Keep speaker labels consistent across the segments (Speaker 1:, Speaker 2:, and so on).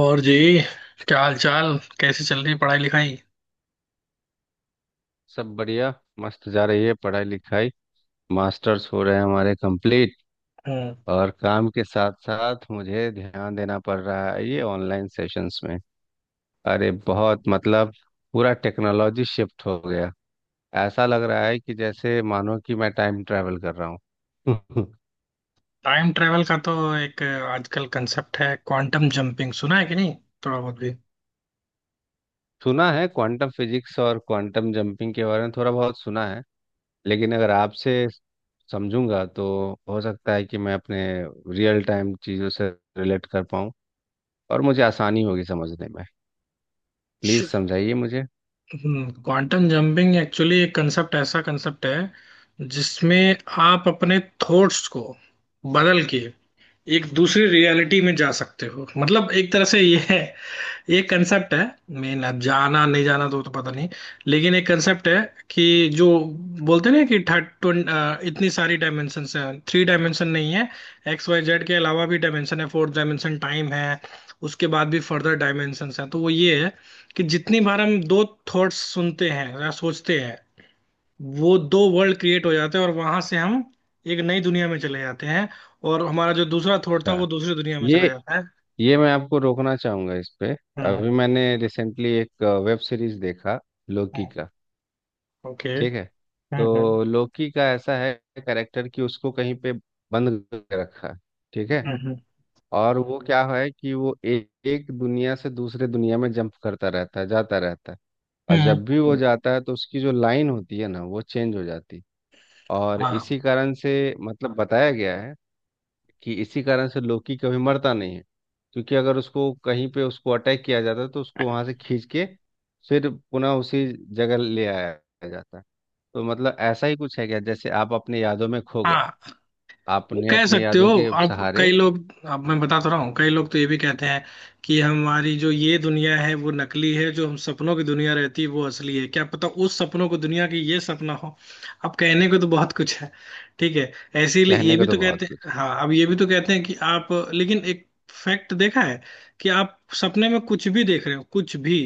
Speaker 1: और जी। क्या हाल चाल, कैसी चल रही है पढ़ाई लिखाई?
Speaker 2: सब बढ़िया। मस्त जा रही है पढ़ाई लिखाई। मास्टर्स हो रहे हैं हमारे कंप्लीट।
Speaker 1: हम्म।
Speaker 2: और काम के साथ साथ मुझे ध्यान देना पड़ रहा है ये ऑनलाइन सेशंस में। अरे बहुत मतलब पूरा टेक्नोलॉजी शिफ्ट हो गया। ऐसा लग रहा है कि जैसे मानो कि मैं टाइम ट्रैवल कर रहा हूँ।
Speaker 1: टाइम ट्रेवल का तो एक आजकल कंसेप्ट है, क्वांटम जंपिंग। सुना है कि नहीं, थोड़ा बहुत भी?
Speaker 2: सुना है, क्वांटम फिजिक्स और क्वांटम जंपिंग के बारे में थोड़ा बहुत सुना है। लेकिन अगर आपसे समझूंगा तो हो सकता है कि मैं अपने रियल टाइम चीज़ों से रिलेट कर पाऊँ और मुझे आसानी होगी समझने में। प्लीज समझाइए मुझे।
Speaker 1: क्वांटम जंपिंग एक्चुअली एक कंसेप्ट, ऐसा कंसेप्ट है जिसमें आप अपने थॉट्स को बदल के एक दूसरी रियलिटी में जा सकते हो। मतलब एक तरह से ये है, ये कंसेप्ट है। मेन अब जाना नहीं जाना तो पता नहीं, लेकिन एक कंसेप्ट है। कि जो बोलते हैं ना कि थर्ड, इतनी सारी डायमेंशन है। थ्री डायमेंशन नहीं है, XYZ के अलावा भी डायमेंशन है। फोर्थ डायमेंशन टाइम है, उसके बाद भी फर्दर डायमेंशन है। तो वो ये है कि जितनी बार हम दो थॉट्स सुनते हैं या सोचते हैं, वो दो वर्ल्ड क्रिएट हो जाते हैं और वहां से हम एक नई दुनिया में चले जाते हैं। और हमारा जो दूसरा थॉट था
Speaker 2: अच्छा।
Speaker 1: वो दूसरी दुनिया में
Speaker 2: ये
Speaker 1: चला जाता है।
Speaker 2: ये मैं आपको रोकना चाहूंगा इस पे।
Speaker 1: हम्म।
Speaker 2: अभी मैंने रिसेंटली एक वेब सीरीज देखा, लोकी का।
Speaker 1: ओके, हम्म, okay,
Speaker 2: ठीक है।
Speaker 1: हम्म, हम्म।
Speaker 2: तो लोकी का ऐसा है कैरेक्टर कि उसको कहीं पे बंद करके रखा है, ठीक है।
Speaker 1: हम्म,
Speaker 2: और वो क्या है कि वो एक दुनिया से दूसरे दुनिया में जंप करता रहता है जाता रहता है। और जब भी वो
Speaker 1: हम्म।
Speaker 2: जाता है तो उसकी जो लाइन होती है ना वो चेंज हो जाती है। और
Speaker 1: हाँ,
Speaker 2: इसी कारण से मतलब बताया गया है कि इसी कारण से लोकी कभी मरता नहीं है, क्योंकि अगर उसको कहीं पे उसको अटैक किया जाता है तो उसको वहां से खींच के फिर पुनः उसी जगह ले आया जाता है। तो मतलब ऐसा ही कुछ है क्या, जैसे आप अपने यादों में खो गए,
Speaker 1: हाँ, वो
Speaker 2: आपने
Speaker 1: कह
Speaker 2: अपने
Speaker 1: सकते हो।
Speaker 2: यादों के
Speaker 1: अब
Speaker 2: सहारे।
Speaker 1: कई लोग, अब मैं बता तो रहा हूँ, कई लोग तो ये भी कहते हैं कि हमारी जो ये दुनिया है वो नकली है, जो हम सपनों की दुनिया रहती है वो असली है। क्या पता उस सपनों को दुनिया की ये सपना हो। अब कहने को तो बहुत कुछ है। ठीक है, ऐसे ही ये
Speaker 2: रहने का
Speaker 1: भी
Speaker 2: तो
Speaker 1: तो
Speaker 2: बहुत
Speaker 1: कहते
Speaker 2: कुछ।
Speaker 1: हैं। हाँ, अब ये भी तो कहते हैं कि आप। लेकिन एक फैक्ट देखा है कि आप सपने में कुछ भी देख रहे हो, कुछ भी,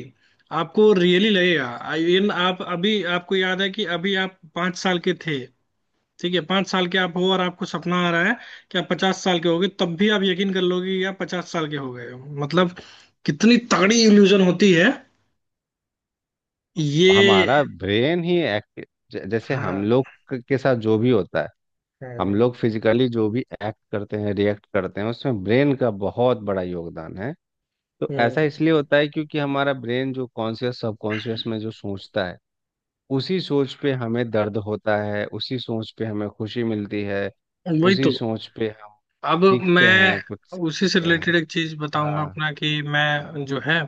Speaker 1: आपको रियली लगेगा। आई- इन आप अभी, आपको याद है कि अभी आप 5 साल के थे। ठीक है, 5 साल के आप हो और आपको सपना आ रहा है कि आप 50 साल के हो गए, तब भी आप यकीन कर लोगे कि आप 50 साल के हो गए हो। मतलब कितनी तगड़ी इल्यूजन होती है ये।
Speaker 2: हमारा ब्रेन ही एक्टिव। जैसे हम
Speaker 1: हाँ,
Speaker 2: लोग के साथ जो भी होता है, हम
Speaker 1: हाँ,
Speaker 2: लोग फिजिकली जो भी एक्ट करते हैं रिएक्ट करते हैं उसमें ब्रेन का बहुत बड़ा योगदान है। तो ऐसा
Speaker 1: हम्म,
Speaker 2: इसलिए होता है क्योंकि हमारा ब्रेन जो कॉन्शियस सबकॉन्शियस में जो सोचता है, उसी सोच पे हमें दर्द होता है, उसी सोच पे हमें खुशी मिलती है,
Speaker 1: वही
Speaker 2: उसी
Speaker 1: तो।
Speaker 2: सोच पे हम
Speaker 1: अब
Speaker 2: दिखते हैं, कुछ
Speaker 1: मैं उसी से
Speaker 2: सीखते हैं।
Speaker 1: रिलेटेड एक चीज बताऊंगा
Speaker 2: हाँ,
Speaker 1: अपना कि मैं जो है।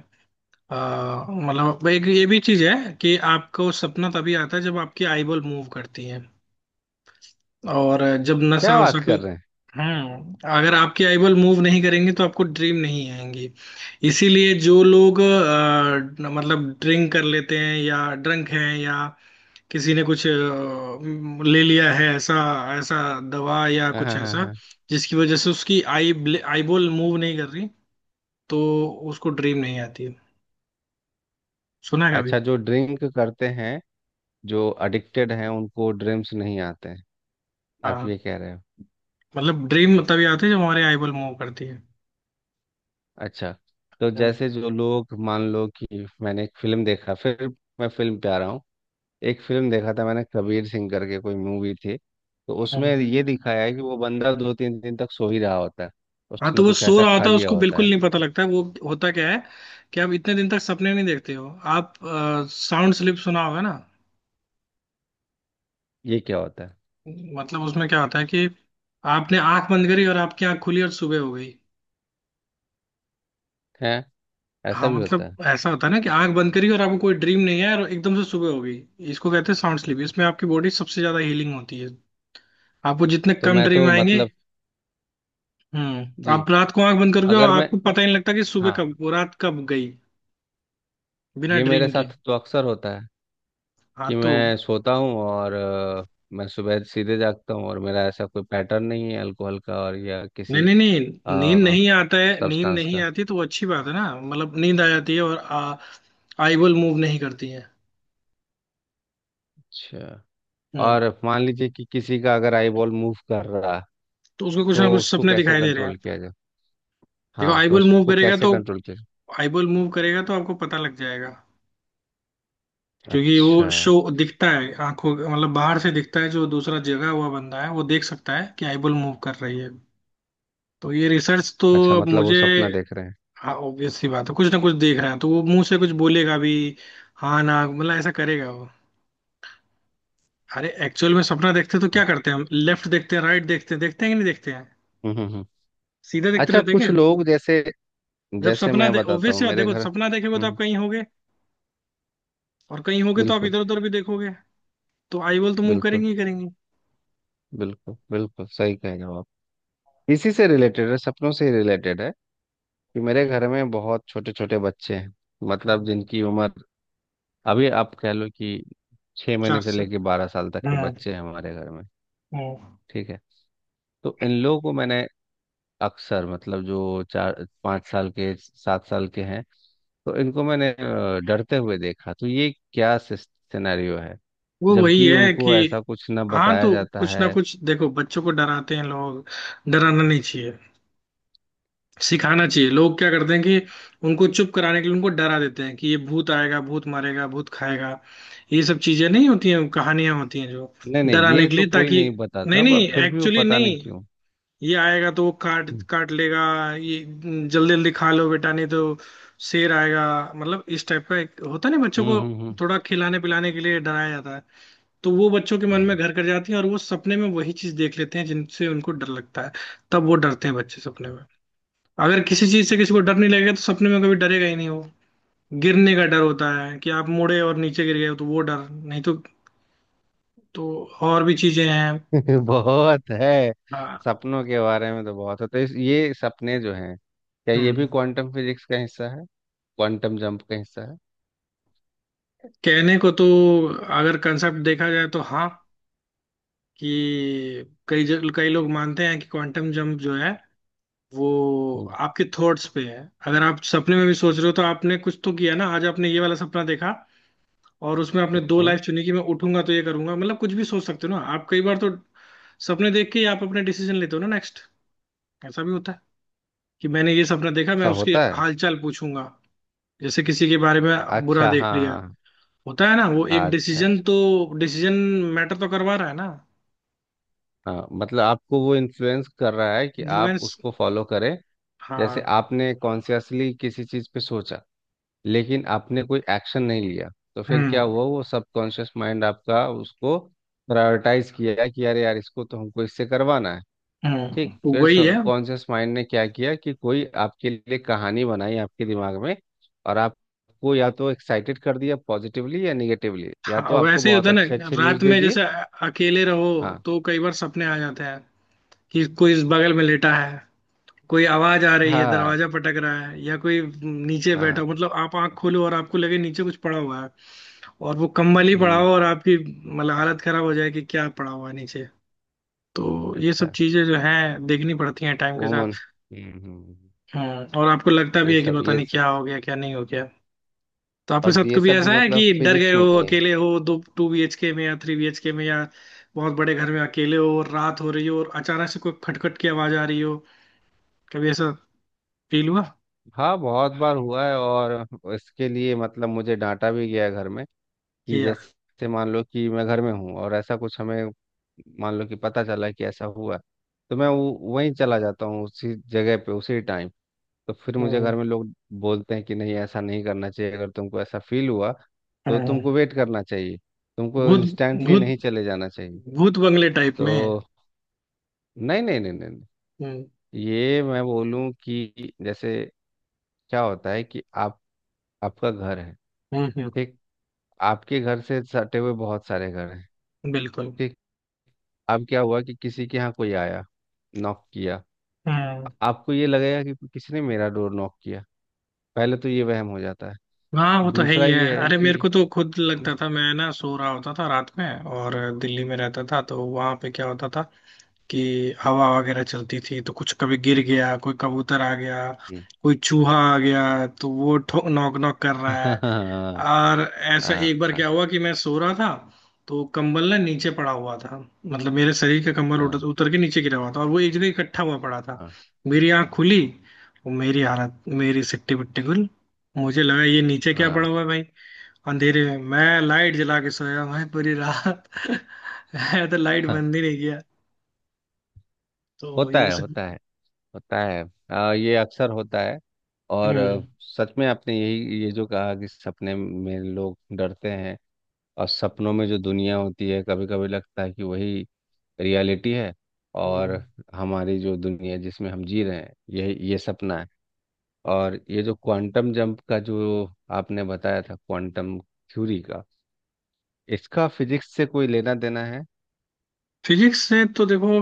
Speaker 1: अ, मतलब एक ये भी चीज है कि आपको सपना तभी आता है जब आपकी आईबॉल मूव करती है। और जब
Speaker 2: क्या
Speaker 1: नशा वसा
Speaker 2: बात कर
Speaker 1: कोई।
Speaker 2: रहे हैं।
Speaker 1: अगर आपकी आईबॉल मूव नहीं करेंगे तो आपको ड्रीम नहीं आएंगी। इसीलिए जो लोग मतलब ड्रिंक कर लेते हैं या ड्रंक हैं, या किसी ने कुछ ले लिया है, ऐसा, ऐसा दवा या
Speaker 2: हाँ
Speaker 1: कुछ
Speaker 2: हाँ हाँ
Speaker 1: ऐसा,
Speaker 2: हाँ।
Speaker 1: जिसकी वजह से उसकी आई आईबॉल मूव नहीं कर रही, तो उसको ड्रीम नहीं आती है। सुना है कभी?
Speaker 2: अच्छा, जो ड्रिंक करते हैं, जो एडिक्टेड हैं, उनको ड्रीम्स नहीं आते हैं, आप
Speaker 1: हाँ,
Speaker 2: ये कह रहे हो।
Speaker 1: मतलब ड्रीम तभी आती है जब हमारी आईबॉल मूव करती है।
Speaker 2: अच्छा, तो जैसे जो लोग, मान लो कि मैंने एक फिल्म देखा, फिर मैं फिल्म पे आ रहा हूँ। एक फिल्म देखा था मैंने, कबीर सिंह करके कोई मूवी थी, तो उसमें
Speaker 1: हम्म।
Speaker 2: ये दिखाया है कि वो बंदा दो तीन दिन तक सो ही रहा होता है,
Speaker 1: हाँ
Speaker 2: उसने
Speaker 1: तो वो
Speaker 2: कुछ
Speaker 1: सो
Speaker 2: ऐसा
Speaker 1: रहा
Speaker 2: खा
Speaker 1: होता है,
Speaker 2: लिया
Speaker 1: उसको
Speaker 2: होता
Speaker 1: बिल्कुल
Speaker 2: है।
Speaker 1: नहीं पता लगता है। वो होता क्या है कि आप इतने दिन तक सपने नहीं देखते हो। आप साउंड स्लिप सुना होगा ना।
Speaker 2: ये क्या होता है।
Speaker 1: मतलब उसमें क्या होता है कि आपने आंख बंद करी और आपकी आंख खुली और सुबह हो गई।
Speaker 2: है, ऐसा
Speaker 1: हाँ,
Speaker 2: भी होता
Speaker 1: मतलब
Speaker 2: है।
Speaker 1: ऐसा होता है ना कि आंख बंद करी और आपको कोई ड्रीम नहीं है और एकदम से सुबह हो गई। इसको कहते हैं साउंड स्लीप, इसमें आपकी बॉडी सबसे ज्यादा हीलिंग होती है। आपको जितने
Speaker 2: तो
Speaker 1: कम
Speaker 2: मैं
Speaker 1: ड्रीम
Speaker 2: तो
Speaker 1: आएंगे।
Speaker 2: मतलब,
Speaker 1: हम्म,
Speaker 2: जी,
Speaker 1: आप रात को आंख बंद करोगे और
Speaker 2: अगर मैं,
Speaker 1: आपको पता ही नहीं लगता कि सुबह
Speaker 2: हाँ,
Speaker 1: कब, वो रात कब गई, बिना
Speaker 2: ये मेरे
Speaker 1: ड्रीम के।
Speaker 2: साथ तो अक्सर होता है
Speaker 1: हाँ
Speaker 2: कि
Speaker 1: तो
Speaker 2: मैं सोता हूँ और मैं सुबह सीधे जागता हूँ और मेरा ऐसा कोई पैटर्न नहीं है अल्कोहल का और या
Speaker 1: नहीं,
Speaker 2: किसी
Speaker 1: नहीं, नहीं, नींद नहीं आता है। नींद
Speaker 2: सब्सटेंस
Speaker 1: नहीं
Speaker 2: का।
Speaker 1: आती तो वो अच्छी बात है ना। मतलब नींद आ जाती है और आईबॉल मूव नहीं करती है।
Speaker 2: अच्छा।
Speaker 1: हम्म।
Speaker 2: और मान लीजिए कि किसी का अगर आई बॉल मूव कर रहा है,
Speaker 1: तो उसको कुछ ना
Speaker 2: तो
Speaker 1: कुछ
Speaker 2: उसको
Speaker 1: सपने
Speaker 2: कैसे
Speaker 1: दिखाई दे रहे हैं।
Speaker 2: कंट्रोल किया जाए।
Speaker 1: देखो
Speaker 2: हाँ, तो
Speaker 1: आईबॉल मूव
Speaker 2: उसको
Speaker 1: करेगा
Speaker 2: कैसे
Speaker 1: तो
Speaker 2: कंट्रोल किया जाए।
Speaker 1: आईबॉल मूव करेगा तो आपको पता लग जाएगा। क्योंकि
Speaker 2: अच्छा,
Speaker 1: वो शो दिखता है आंखों, मतलब बाहर से दिखता है। जो दूसरा जगह हुआ बंदा है वो देख सकता है कि आईबॉल मूव कर रही है। तो ये रिसर्च तो,
Speaker 2: अच्छा।
Speaker 1: अब
Speaker 2: मतलब वो
Speaker 1: मुझे,
Speaker 2: सपना देख रहे हैं।
Speaker 1: हाँ, ऑब्वियस सी बात है, कुछ ना कुछ देख रहा है तो वो मुंह से कुछ बोलेगा भी। हाँ ना, मतलब ऐसा करेगा वो। अरे एक्चुअल में सपना देखते हैं तो क्या करते हैं, हम लेफ्ट देखते हैं, राइट देखते हैं। देखते हैं कि नहीं देखते हैं,
Speaker 2: हम्म हम्म हम्म।
Speaker 1: सीधे देखते
Speaker 2: अच्छा,
Speaker 1: रहते हैं
Speaker 2: कुछ
Speaker 1: क्या?
Speaker 2: लोग जैसे,
Speaker 1: जब
Speaker 2: जैसे
Speaker 1: सपना
Speaker 2: मैं
Speaker 1: दे
Speaker 2: बताता
Speaker 1: ऑब्वियस
Speaker 2: हूँ
Speaker 1: सी बात,
Speaker 2: मेरे
Speaker 1: देखो
Speaker 2: घर,
Speaker 1: सपना देखेगे तो आप कहीं होगे और कहीं होगे तो आप
Speaker 2: बिल्कुल
Speaker 1: इधर उधर भी देखोगे, तो आई बॉल तो मूव
Speaker 2: बिल्कुल
Speaker 1: करेंगे ही करेंगे।
Speaker 2: बिल्कुल बिल्कुल सही कह रहे हो आप। इसी से रिलेटेड है, सपनों से रिलेटेड है, कि मेरे घर में बहुत छोटे छोटे बच्चे हैं, मतलब जिनकी उम्र, अभी आप कह लो कि छह
Speaker 1: चार
Speaker 2: महीने से
Speaker 1: से।
Speaker 2: लेके 12 साल तक के
Speaker 1: हम्म,
Speaker 2: बच्चे हैं हमारे घर में।
Speaker 1: हम्म।
Speaker 2: ठीक है। तो इन लोगों को मैंने अक्सर, मतलब जो चार पाँच साल के 7 साल के हैं, तो इनको मैंने डरते हुए देखा, तो ये क्या सिनेरियो है,
Speaker 1: वो वही
Speaker 2: जबकि
Speaker 1: है कि,
Speaker 2: उनको ऐसा कुछ ना
Speaker 1: हाँ
Speaker 2: बताया
Speaker 1: तो
Speaker 2: जाता
Speaker 1: कुछ ना
Speaker 2: है।
Speaker 1: कुछ, देखो बच्चों को डराते हैं लोग। डराना नहीं चाहिए, सिखाना चाहिए। लोग क्या करते हैं कि उनको चुप कराने के लिए उनको डरा देते हैं कि ये भूत आएगा, भूत मारेगा, भूत खाएगा। ये सब चीजें नहीं होती हैं, कहानियां होती हैं जो
Speaker 2: नहीं नहीं,
Speaker 1: डराने
Speaker 2: ये
Speaker 1: के
Speaker 2: तो
Speaker 1: लिए,
Speaker 2: कोई
Speaker 1: ताकि
Speaker 2: नहीं
Speaker 1: नहीं,
Speaker 2: बताता,
Speaker 1: नहीं,
Speaker 2: बट फिर भी वो
Speaker 1: एक्चुअली
Speaker 2: पता
Speaker 1: नहीं,
Speaker 2: नहीं क्यों।
Speaker 1: ये आएगा तो वो काट
Speaker 2: हम्म
Speaker 1: काट लेगा। ये जल्दी जल्दी खा लो बेटा नहीं तो शेर आएगा, मतलब इस टाइप का। एक होता नहीं बच्चों
Speaker 2: हम्म
Speaker 1: को,
Speaker 2: हम्म
Speaker 1: थोड़ा खिलाने पिलाने के लिए डराया जाता है। तो वो बच्चों के मन में
Speaker 2: हम्म।
Speaker 1: घर कर जाती है और वो सपने में वही चीज देख लेते हैं जिनसे उनको डर लगता है। तब वो डरते हैं बच्चे सपने में। अगर किसी चीज से किसी को डर नहीं लगेगा तो सपने में कभी डरेगा ही नहीं वो। गिरने का डर होता है कि आप मुड़े और नीचे गिर गए हो, तो वो डर नहीं तो और भी चीजें हैं।
Speaker 2: बहुत है,
Speaker 1: हाँ,
Speaker 2: सपनों के बारे में तो बहुत है। तो ये सपने जो हैं, क्या ये भी
Speaker 1: हम्म।
Speaker 2: क्वांटम फिजिक्स का हिस्सा है, क्वांटम जंप का हिस्सा है।
Speaker 1: कहने को तो, अगर कंसेप्ट देखा जाए तो हाँ कि कई लोग मानते हैं कि क्वांटम जंप जो है वो
Speaker 2: हम्म
Speaker 1: आपके थॉट्स पे है। अगर आप सपने में भी सोच रहे हो तो आपने कुछ तो किया ना। आज आपने ये वाला सपना देखा और उसमें आपने दो
Speaker 2: हम्म।
Speaker 1: लाइफ चुनी कि मैं उठूंगा तो ये करूंगा, मतलब कुछ भी सोच सकते हो ना आप। कई बार तो सपने देख के ही आप अपने डिसीजन लेते हो ना नेक्स्ट। ऐसा भी होता है कि मैंने ये सपना देखा, मैं
Speaker 2: ऐसा
Speaker 1: उसकी
Speaker 2: होता है।
Speaker 1: हालचाल पूछूंगा, जैसे किसी के बारे में बुरा
Speaker 2: अच्छा,
Speaker 1: देख
Speaker 2: हाँ
Speaker 1: लिया।
Speaker 2: हाँ।
Speaker 1: होता है ना वो एक
Speaker 2: अच्छा अच्छा।
Speaker 1: डिसीजन तो, डिसीजन मैटर तो करवा रहा है ना।
Speaker 2: हाँ, मतलब आपको वो इन्फ्लुएंस कर रहा है कि आप
Speaker 1: इन्फ्लुएंस,
Speaker 2: उसको फॉलो करें।
Speaker 1: हाँ।
Speaker 2: जैसे आपने कॉन्शियसली किसी चीज़ पे सोचा, लेकिन आपने कोई एक्शन नहीं लिया, तो फिर क्या
Speaker 1: हम्म,
Speaker 2: हुआ, वो सबकॉन्शियस माइंड आपका उसको प्रायोरिटाइज किया कि अरे यार इसको तो हमको इससे करवाना है,
Speaker 1: हम्म,
Speaker 2: ठीक।
Speaker 1: तो
Speaker 2: फिर
Speaker 1: वही है।
Speaker 2: सबकॉन्शियस माइंड ने क्या किया कि कोई आपके लिए कहानी बनाई आपके दिमाग में, और आपको या तो एक्साइटेड कर दिया पॉजिटिवली या निगेटिवली, या तो
Speaker 1: हाँ
Speaker 2: आपको
Speaker 1: वैसे ही होता
Speaker 2: बहुत
Speaker 1: है
Speaker 2: अच्छे
Speaker 1: ना,
Speaker 2: अच्छे न्यूज़
Speaker 1: रात
Speaker 2: दे
Speaker 1: में
Speaker 2: दिए।
Speaker 1: जैसे अकेले रहो
Speaker 2: हाँ
Speaker 1: तो कई बार सपने आ जाते हैं कि कोई इस बगल में लेटा है, कोई आवाज आ रही है,
Speaker 2: हाँ
Speaker 1: दरवाजा पटक रहा है, या कोई नीचे बैठा
Speaker 2: हाँ।
Speaker 1: हो। मतलब आप आंख खोलो और आपको लगे नीचे कुछ पड़ा हुआ है, और वो कंबल ही पड़ा
Speaker 2: हम्म।
Speaker 1: हो और आपकी मतलब हालत खराब हो जाए कि क्या पड़ा हुआ है नीचे। तो ये सब
Speaker 2: अच्छा,
Speaker 1: चीजें जो हैं देखनी पड़ती हैं टाइम के साथ।
Speaker 2: ओमन।
Speaker 1: हम्म, और आपको लगता
Speaker 2: ये
Speaker 1: भी है कि
Speaker 2: सब
Speaker 1: पता
Speaker 2: ये
Speaker 1: नहीं
Speaker 2: सब
Speaker 1: क्या हो गया क्या नहीं हो गया। तो आपके साथ
Speaker 2: और ये
Speaker 1: कभी
Speaker 2: सब भी
Speaker 1: ऐसा है
Speaker 2: मतलब
Speaker 1: कि डर गए
Speaker 2: फिजिक्स
Speaker 1: हो,
Speaker 2: में ही है।
Speaker 1: अकेले हो दो 2 BHK में या 3 BHK में, या बहुत बड़े घर में अकेले हो और रात हो रही हो और अचानक से कोई खटखट की आवाज आ रही हो, कभी ऐसा फील हुआ
Speaker 2: हाँ, बहुत बार हुआ है, और इसके लिए मतलब मुझे डांटा भी गया है घर में, कि
Speaker 1: कि यार।
Speaker 2: जैसे मान लो कि मैं घर में हूँ और ऐसा कुछ हमें, मान लो कि पता चला कि ऐसा हुआ, तो मैं वो वहीं चला जाता हूँ उसी जगह पे उसी टाइम। तो फिर मुझे घर
Speaker 1: हम्म,
Speaker 2: में लोग बोलते हैं कि नहीं ऐसा नहीं करना चाहिए, अगर तुमको ऐसा फील हुआ तो
Speaker 1: हम्म।
Speaker 2: तुमको वेट करना चाहिए, तुमको
Speaker 1: भूत,
Speaker 2: इंस्टेंटली
Speaker 1: भूत,
Speaker 2: नहीं चले जाना चाहिए।
Speaker 1: भूत बंगले टाइप में।
Speaker 2: तो नहीं नहीं नहीं नहीं नहीं।
Speaker 1: हम्म,
Speaker 2: ये मैं बोलूं कि जैसे, क्या होता है कि आप, आपका घर है,
Speaker 1: हम्म,
Speaker 2: ठीक, आपके घर से सटे हुए बहुत सारे घर हैं,
Speaker 1: बिल्कुल,
Speaker 2: ठीक। अब क्या हुआ कि किसी के यहाँ कोई आया, नॉक किया,
Speaker 1: हम्म।
Speaker 2: आपको ये लगेगा कि किसी ने मेरा डोर नॉक किया, पहले तो ये वहम हो जाता है।
Speaker 1: हाँ वो तो है
Speaker 2: दूसरा
Speaker 1: ही है,
Speaker 2: ये है
Speaker 1: अरे मेरे
Speaker 2: कि,
Speaker 1: को तो खुद लगता था, मैं ना सो रहा होता था रात में, और दिल्ली में रहता था तो वहां पे क्या होता था कि हवा वगैरह चलती थी तो कुछ कभी गिर गया, कोई कबूतर आ गया,
Speaker 2: हम्म।
Speaker 1: कोई चूहा आ गया, तो वो ठो नॉक नॉक कर रहा है।
Speaker 2: हाँ
Speaker 1: और ऐसा
Speaker 2: हाँ
Speaker 1: एक बार
Speaker 2: हाँ
Speaker 1: क्या हुआ कि मैं सो रहा था, तो कंबल ना नीचे पड़ा हुआ था। मतलब मेरे शरीर का कंबल उतर,
Speaker 2: हाँ
Speaker 1: उतर के नीचे गिरा हुआ था और वो एक जगह इकट्ठा हुआ पड़ा था।
Speaker 2: हाँ
Speaker 1: मेरी आंख खुली और मेरी हालत, मेरी सिट्टी बिट्टी गुल। मुझे लगा ये नीचे क्या
Speaker 2: हाँ,
Speaker 1: पड़ा हुआ है भाई। अंधेरे में मैं लाइट जला के सोया भाई पूरी रात मैं तो लाइट
Speaker 2: हाँ।
Speaker 1: बंद ही नहीं किया। तो
Speaker 2: होता
Speaker 1: ये
Speaker 2: है
Speaker 1: सब।
Speaker 2: होता है होता है। ये अक्सर होता है, और
Speaker 1: हम्म,
Speaker 2: सच में आपने यही, ये जो कहा कि सपने में लोग डरते हैं, और सपनों में जो दुनिया होती है कभी कभी लगता है कि वही रियलिटी है, और
Speaker 1: हम्म।
Speaker 2: हमारी जो दुनिया जिसमें हम जी रहे हैं ये सपना है, और ये जो क्वांटम जंप का जो आपने बताया था, क्वांटम थ्योरी का, इसका फिजिक्स से कोई लेना देना है।
Speaker 1: फिजिक्स से तो देखो,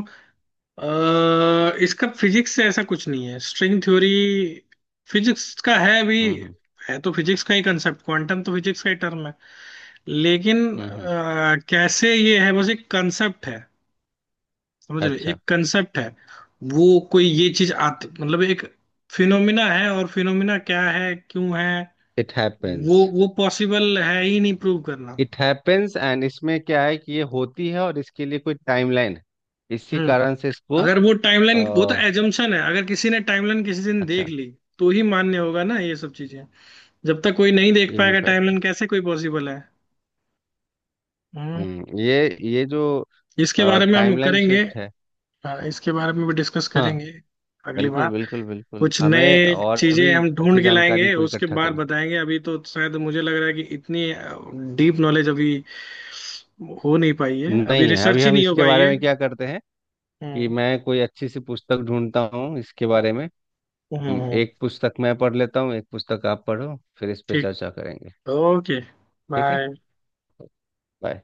Speaker 1: इसका फिजिक्स से ऐसा कुछ नहीं है, स्ट्रिंग थ्योरी फिजिक्स का है भी।
Speaker 2: हम्म हम्म
Speaker 1: है तो फिजिक्स का ही कंसेप्ट, क्वांटम तो फिजिक्स का ही टर्म है। लेकिन
Speaker 2: हम्म, हम्म।
Speaker 1: कैसे ये है, बस एक कंसेप्ट है। समझ रहे,
Speaker 2: अच्छा।
Speaker 1: एक कंसेप्ट है। वो कोई ये चीज आती, मतलब एक फिनोमिना है, और फिनोमिना क्या है, क्यों है,
Speaker 2: इट
Speaker 1: वो
Speaker 2: हैपेंस।
Speaker 1: वो पॉसिबल है ही नहीं प्रूव करना।
Speaker 2: इट हैपेंस एंड इसमें क्या है कि ये होती है और इसके लिए कोई टाइमलाइन है, इसी
Speaker 1: हम्म,
Speaker 2: कारण से इसको
Speaker 1: अगर वो टाइमलाइन, वो तो
Speaker 2: अ,
Speaker 1: एजम्पशन है। अगर किसी ने टाइमलाइन किसी दिन देख
Speaker 2: अच्छा,
Speaker 1: ली तो ही मान्य होगा ना ये सब चीजें। जब तक कोई नहीं देख
Speaker 2: ये भी
Speaker 1: पाएगा
Speaker 2: फैक्ट
Speaker 1: टाइमलाइन,
Speaker 2: है।
Speaker 1: कैसे कोई पॉसिबल है? हम्म।
Speaker 2: हम्म, ये जो
Speaker 1: इसके बारे में हम
Speaker 2: टाइमलाइन
Speaker 1: करेंगे।
Speaker 2: शिफ्ट है,
Speaker 1: हाँ, इसके बारे में भी डिस्कस
Speaker 2: हाँ।
Speaker 1: करेंगे अगली
Speaker 2: बिल्कुल
Speaker 1: बार।
Speaker 2: बिल्कुल बिल्कुल,
Speaker 1: कुछ
Speaker 2: हमें
Speaker 1: नए
Speaker 2: और
Speaker 1: चीजें
Speaker 2: भी
Speaker 1: हम ढूंढ
Speaker 2: अच्छी
Speaker 1: के
Speaker 2: जानकारी
Speaker 1: लाएंगे
Speaker 2: को
Speaker 1: उसके
Speaker 2: इकट्ठा
Speaker 1: बाद
Speaker 2: करनी।
Speaker 1: बताएंगे, अभी तो शायद मुझे लग रहा है कि इतनी डीप नॉलेज अभी हो नहीं पाई है, अभी
Speaker 2: नहीं है अभी,
Speaker 1: रिसर्च ही
Speaker 2: हम
Speaker 1: नहीं हो
Speaker 2: इसके
Speaker 1: पाई
Speaker 2: बारे
Speaker 1: है।
Speaker 2: में क्या करते हैं कि
Speaker 1: हम्म,
Speaker 2: मैं कोई अच्छी सी पुस्तक ढूंढता हूँ इसके बारे में।
Speaker 1: हम्म,
Speaker 2: एक पुस्तक मैं पढ़ लेता हूँ, एक पुस्तक आप पढ़ो, फिर इस पे
Speaker 1: ठीक,
Speaker 2: चर्चा करेंगे।
Speaker 1: ओके,
Speaker 2: ठीक है।
Speaker 1: बाय।
Speaker 2: Bye.